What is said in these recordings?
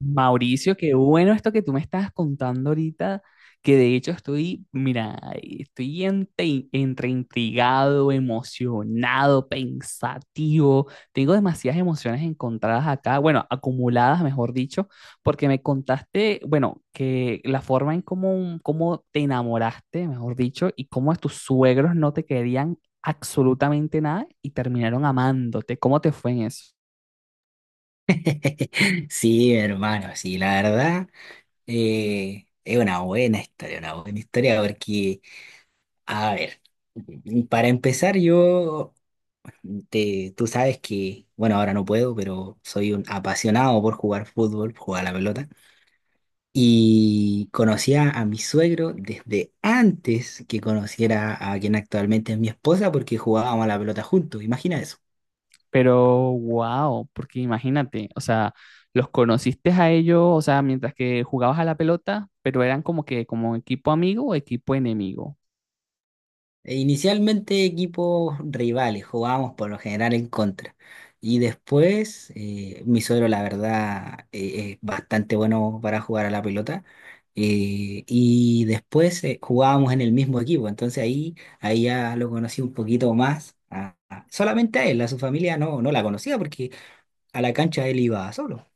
Mauricio, qué bueno esto que tú me estás contando ahorita, que de hecho estoy, mira, estoy entre intrigado, emocionado, pensativo. Tengo demasiadas emociones encontradas acá, bueno, acumuladas, mejor dicho, porque me contaste, bueno, que la forma en cómo te enamoraste, mejor dicho, y cómo tus suegros no te querían absolutamente nada y terminaron amándote. ¿Cómo te fue en eso? Sí, hermano, sí, la verdad es una buena historia porque, a ver, para empezar yo, tú sabes que, bueno, ahora no puedo, pero soy un apasionado por jugar fútbol, jugar a la pelota, y conocía a mi suegro desde antes que conociera a quien actualmente es mi esposa porque jugábamos a la pelota juntos, imagina eso. Pero wow, porque imagínate, o sea, los conociste a ellos, o sea, mientras que jugabas a la pelota, pero eran como que como equipo amigo o equipo enemigo. E inicialmente equipos rivales, jugábamos por lo general en contra. Y después, mi suegro, la verdad, es bastante bueno para jugar a la pelota. Y después jugábamos en el mismo equipo. Entonces ahí ya lo conocí un poquito más. Solamente a él, a su familia no, no la conocía porque a la cancha él iba solo.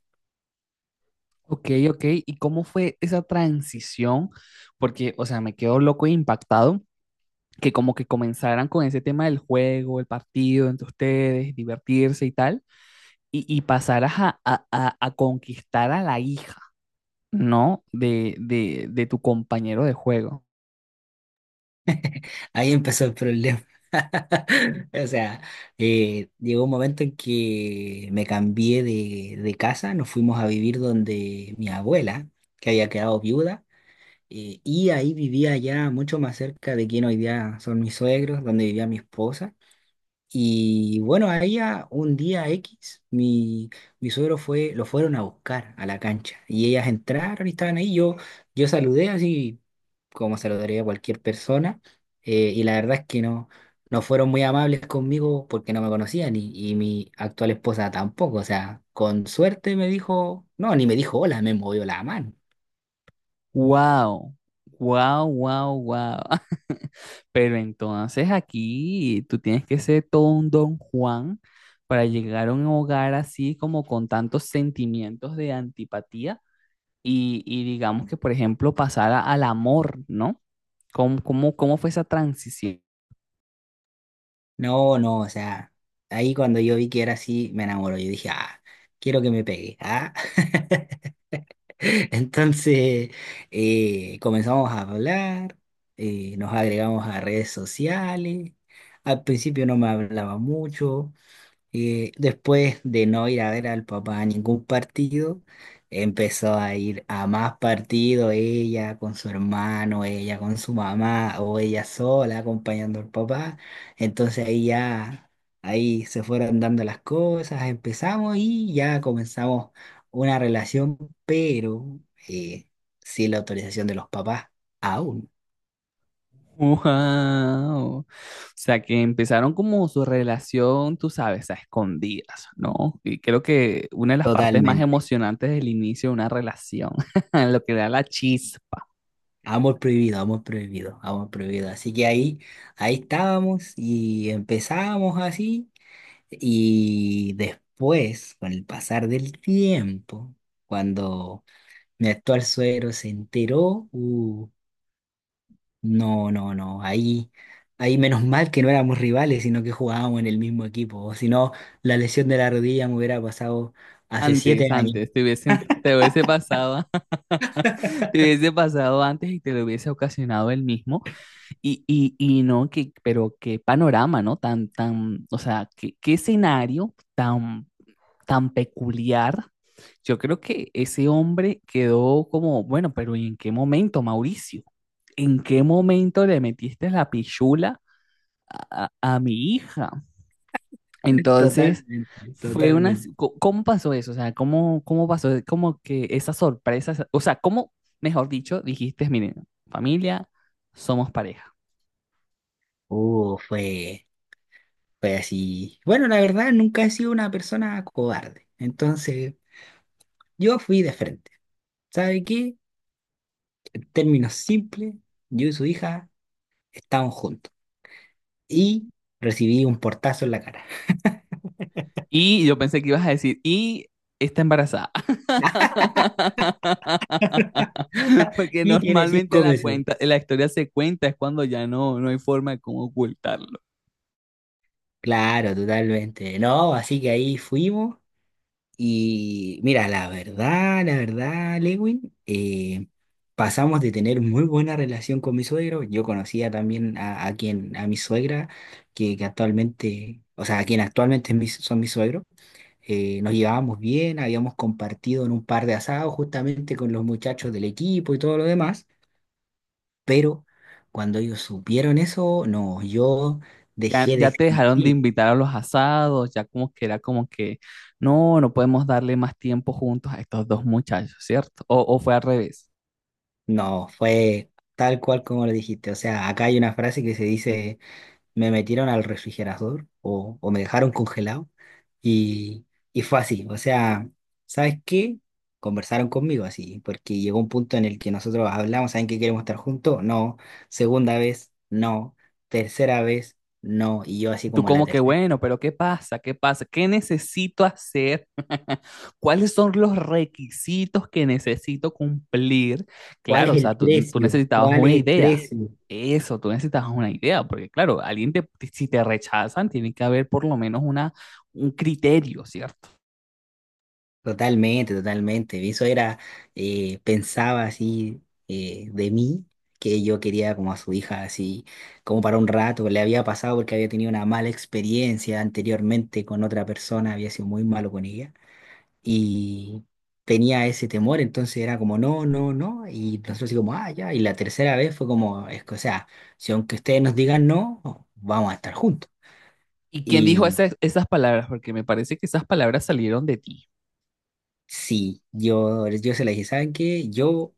Ok, ok, ¿y cómo fue esa transición? Porque, o sea, me quedo loco e impactado que como que comenzaran con ese tema del juego, el partido entre ustedes, divertirse y tal, y pasaras a, a conquistar a la hija, ¿no? De tu compañero de juego. Ahí empezó el problema. O sea, llegó un momento en que me cambié de casa, nos fuimos a vivir donde mi abuela, que había quedado viuda, y ahí vivía ya mucho más cerca de quien hoy día son mis suegros, donde vivía mi esposa. Y bueno, ahí un día X, mi suegro fue, lo fueron a buscar a la cancha, y ellas entraron y estaban ahí, yo saludé así como se lo daría a cualquier persona, y la verdad es que no fueron muy amables conmigo porque no me conocían y mi actual esposa tampoco. O sea, con suerte me dijo, no, ni me dijo hola, me movió la mano. Wow, wow, wow, wow. Pero entonces aquí tú tienes que ser todo un don Juan para llegar a un hogar así como con tantos sentimientos de antipatía y digamos que, por ejemplo, pasar al amor, ¿no? ¿Cómo, cómo fue esa transición? No, no, o sea, ahí cuando yo vi que era así, me enamoró. Yo dije, ah, quiero que me pegue, ah. Entonces, comenzamos a hablar, nos agregamos a redes sociales, al principio no me hablaba mucho. Y después de no ir a ver al papá a ningún partido, empezó a ir a más partidos, ella con su hermano, ella con su mamá o ella sola acompañando al papá. Entonces ahí ya, ahí se fueron dando las cosas, empezamos y ya comenzamos una relación, pero eh, sin la autorización de los papás, aún, Wow. O sea que empezaron como su relación, tú sabes, a escondidas, ¿no? Y creo que una de las partes más totalmente. emocionantes del inicio de una relación, lo que da la chispa. Amor prohibido, amor prohibido, amor prohibido. Así que ahí estábamos y empezábamos así. Y después, con el pasar del tiempo, cuando mi actual suegro se enteró, no, no, no, ahí menos mal que no éramos rivales, sino que jugábamos en el mismo equipo. O si no, la lesión de la rodilla me hubiera pasado hace 7 Antes, años. antes, te hubiesen, te hubiese pasado, te hubiese pasado antes y te lo hubiese ocasionado el mismo. Y no, que, pero qué panorama, ¿no? O sea, qué, qué escenario tan tan peculiar, yo creo que ese hombre quedó como, bueno, pero ¿y en qué momento, Mauricio? ¿En qué momento le metiste la pichula a mi hija? Entonces, Totalmente, fue una totalmente. si, co- ¿cómo pasó eso? O sea, ¿cómo, cómo pasó? Como que esa sorpresa, esa, o sea, ¿cómo, mejor dicho, dijiste, miren, familia, somos pareja? Fue. Fue así. Bueno, la verdad, nunca he sido una persona cobarde. Entonces, yo fui de frente. ¿Sabe qué? En términos simples, yo y su hija estábamos juntos. Y recibí un portazo en la cara. Y yo pensé que ibas a decir, y está embarazada. Porque Y tiene normalmente 5 la meses. cuenta, la historia se cuenta, es cuando ya no hay forma de cómo ocultarlo. Claro, totalmente. No, así que ahí fuimos. Y mira, la verdad, Lewin, pasamos de tener muy buena relación con mi suegro. Yo conocía también a quien, a mi suegra, que actualmente, o sea, a quien actualmente son mis suegros. Nos llevábamos bien, habíamos compartido en un par de asados justamente con los muchachos del equipo y todo lo demás. Pero cuando ellos supieron eso, no, yo Ya, dejé de ya te dejaron de existir. invitar a los asados, ya como que era como que, no, no podemos darle más tiempo juntos a estos dos muchachos, ¿cierto? O fue al revés. No, fue tal cual como lo dijiste. O sea, acá hay una frase que se dice. Me metieron al refrigerador o me dejaron congelado y, y fue así. O sea, ¿sabes qué? Conversaron conmigo así, porque llegó un punto en el que nosotros hablamos, ¿saben que queremos estar juntos? No. Segunda vez, no. Tercera vez, no. Y yo así Tú como la como que tercera. bueno, pero ¿qué pasa? ¿Qué pasa? ¿Qué necesito hacer? ¿Cuáles son los requisitos que necesito cumplir? ¿Cuál Claro, es o el sea, tú precio? necesitabas ¿Cuál una es el idea. precio? Eso, tú necesitas una idea, porque claro, alguien te, si te rechazan, tiene que haber por lo menos una, un criterio, ¿cierto? Totalmente, totalmente. Eso era, pensaba así de mí, que yo quería como a su hija, así como para un rato. Le había pasado porque había tenido una mala experiencia anteriormente con otra persona, había sido muy malo con ella y tenía ese temor. Entonces era como, no, no, no, y nosotros así como, ah, ya, y la tercera vez fue como, es que, o sea, si aunque ustedes nos digan no, vamos a estar juntos. ¿Y quién dijo Y esas, esas palabras? Porque me parece que esas palabras salieron de ti. sí, yo se la dije, ¿saben qué? Yo...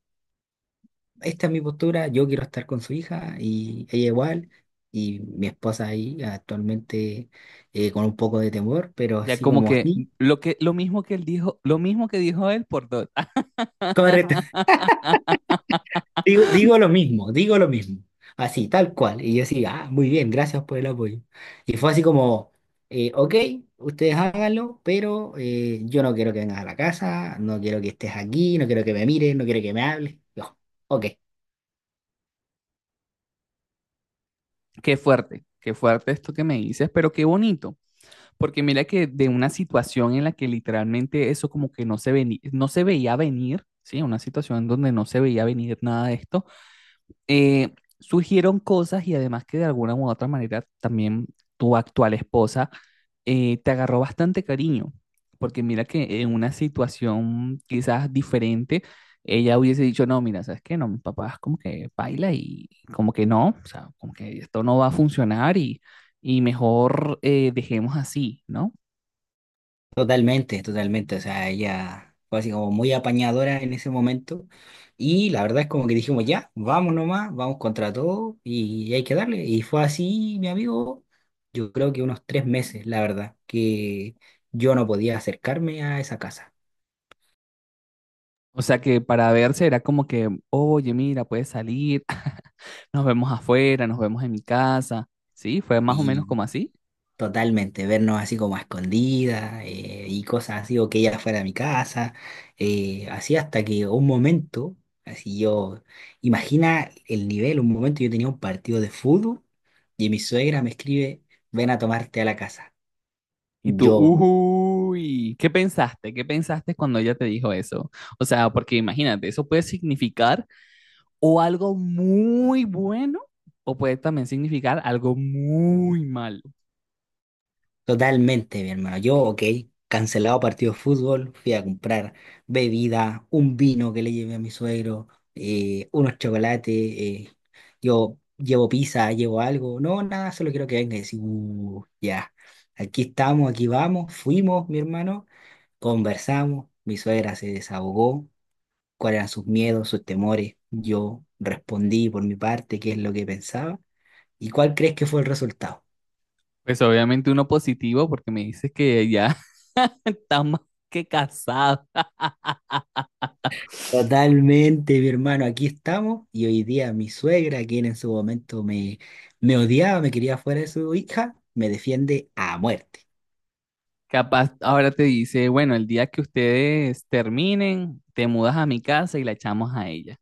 esta es mi postura, yo quiero estar con su hija y ella igual, y mi esposa ahí actualmente con un poco de temor, pero Ya así como como que mm, así, lo que lo mismo que él dijo, lo mismo que dijo él por dos. Ah, correcto. Digo, digo lo mismo, así, tal cual, y yo así, ah, muy bien, gracias por el apoyo. Y fue así como, ok, ustedes háganlo, pero yo no quiero que vengas a la casa, no quiero que estés aquí, no quiero que me mires, no quiero que me hables, yo, ok. Qué fuerte esto que me dices, pero qué bonito. Porque mira que de una situación en la que literalmente eso como que no se no se veía venir, ¿sí? Una situación donde no se veía venir nada de esto, eh, surgieron cosas y además que de alguna u otra manera también tu actual esposa te agarró bastante cariño, porque mira que en una situación quizás diferente, ella hubiese dicho, no, mira, ¿sabes qué? No, mi papá es como que baila y como que no, o sea, como que esto no va a funcionar y mejor dejemos así, ¿no? Totalmente, totalmente. O sea, ella fue así como muy apañadora en ese momento. Y la verdad es como que dijimos, ya, vamos nomás, vamos contra todo y hay que darle. Y fue así, mi amigo, yo creo que unos 3 meses, la verdad, que yo no podía acercarme a esa casa. O sea que para verse era como que, oye, mira, puedes salir, nos vemos afuera, nos vemos en mi casa. Sí, fue más o menos como así. Totalmente, vernos así como a escondidas y cosas así, o que ella fuera a mi casa, así hasta que un momento, así yo, imagina el nivel, un momento yo tenía un partido de fútbol y mi suegra me escribe, ven a tomarte a la casa. Y tú, Yo... uy, ¿qué pensaste? ¿Qué pensaste cuando ella te dijo eso? O sea, porque imagínate, eso puede significar o algo muy bueno o puede también significar algo muy malo. Totalmente, mi hermano. Yo, ok, cancelado partido de fútbol, fui a comprar bebida, un vino que le llevé a mi suegro, unos chocolates, yo llevo pizza, llevo algo, no, nada, solo quiero que venga y decir, ya, aquí estamos, aquí vamos, fuimos, mi hermano, conversamos, mi suegra se desahogó, cuáles eran sus miedos, sus temores, yo respondí por mi parte qué es lo que pensaba y cuál crees que fue el resultado. Pues obviamente uno positivo porque me dices que ya está más que casado. Totalmente, mi hermano, aquí estamos y hoy día mi suegra, quien en su momento me odiaba, me quería fuera de su hija, me defiende a muerte. Capaz ahora te dice, bueno, el día que ustedes terminen, te mudas a mi casa y la echamos a ella.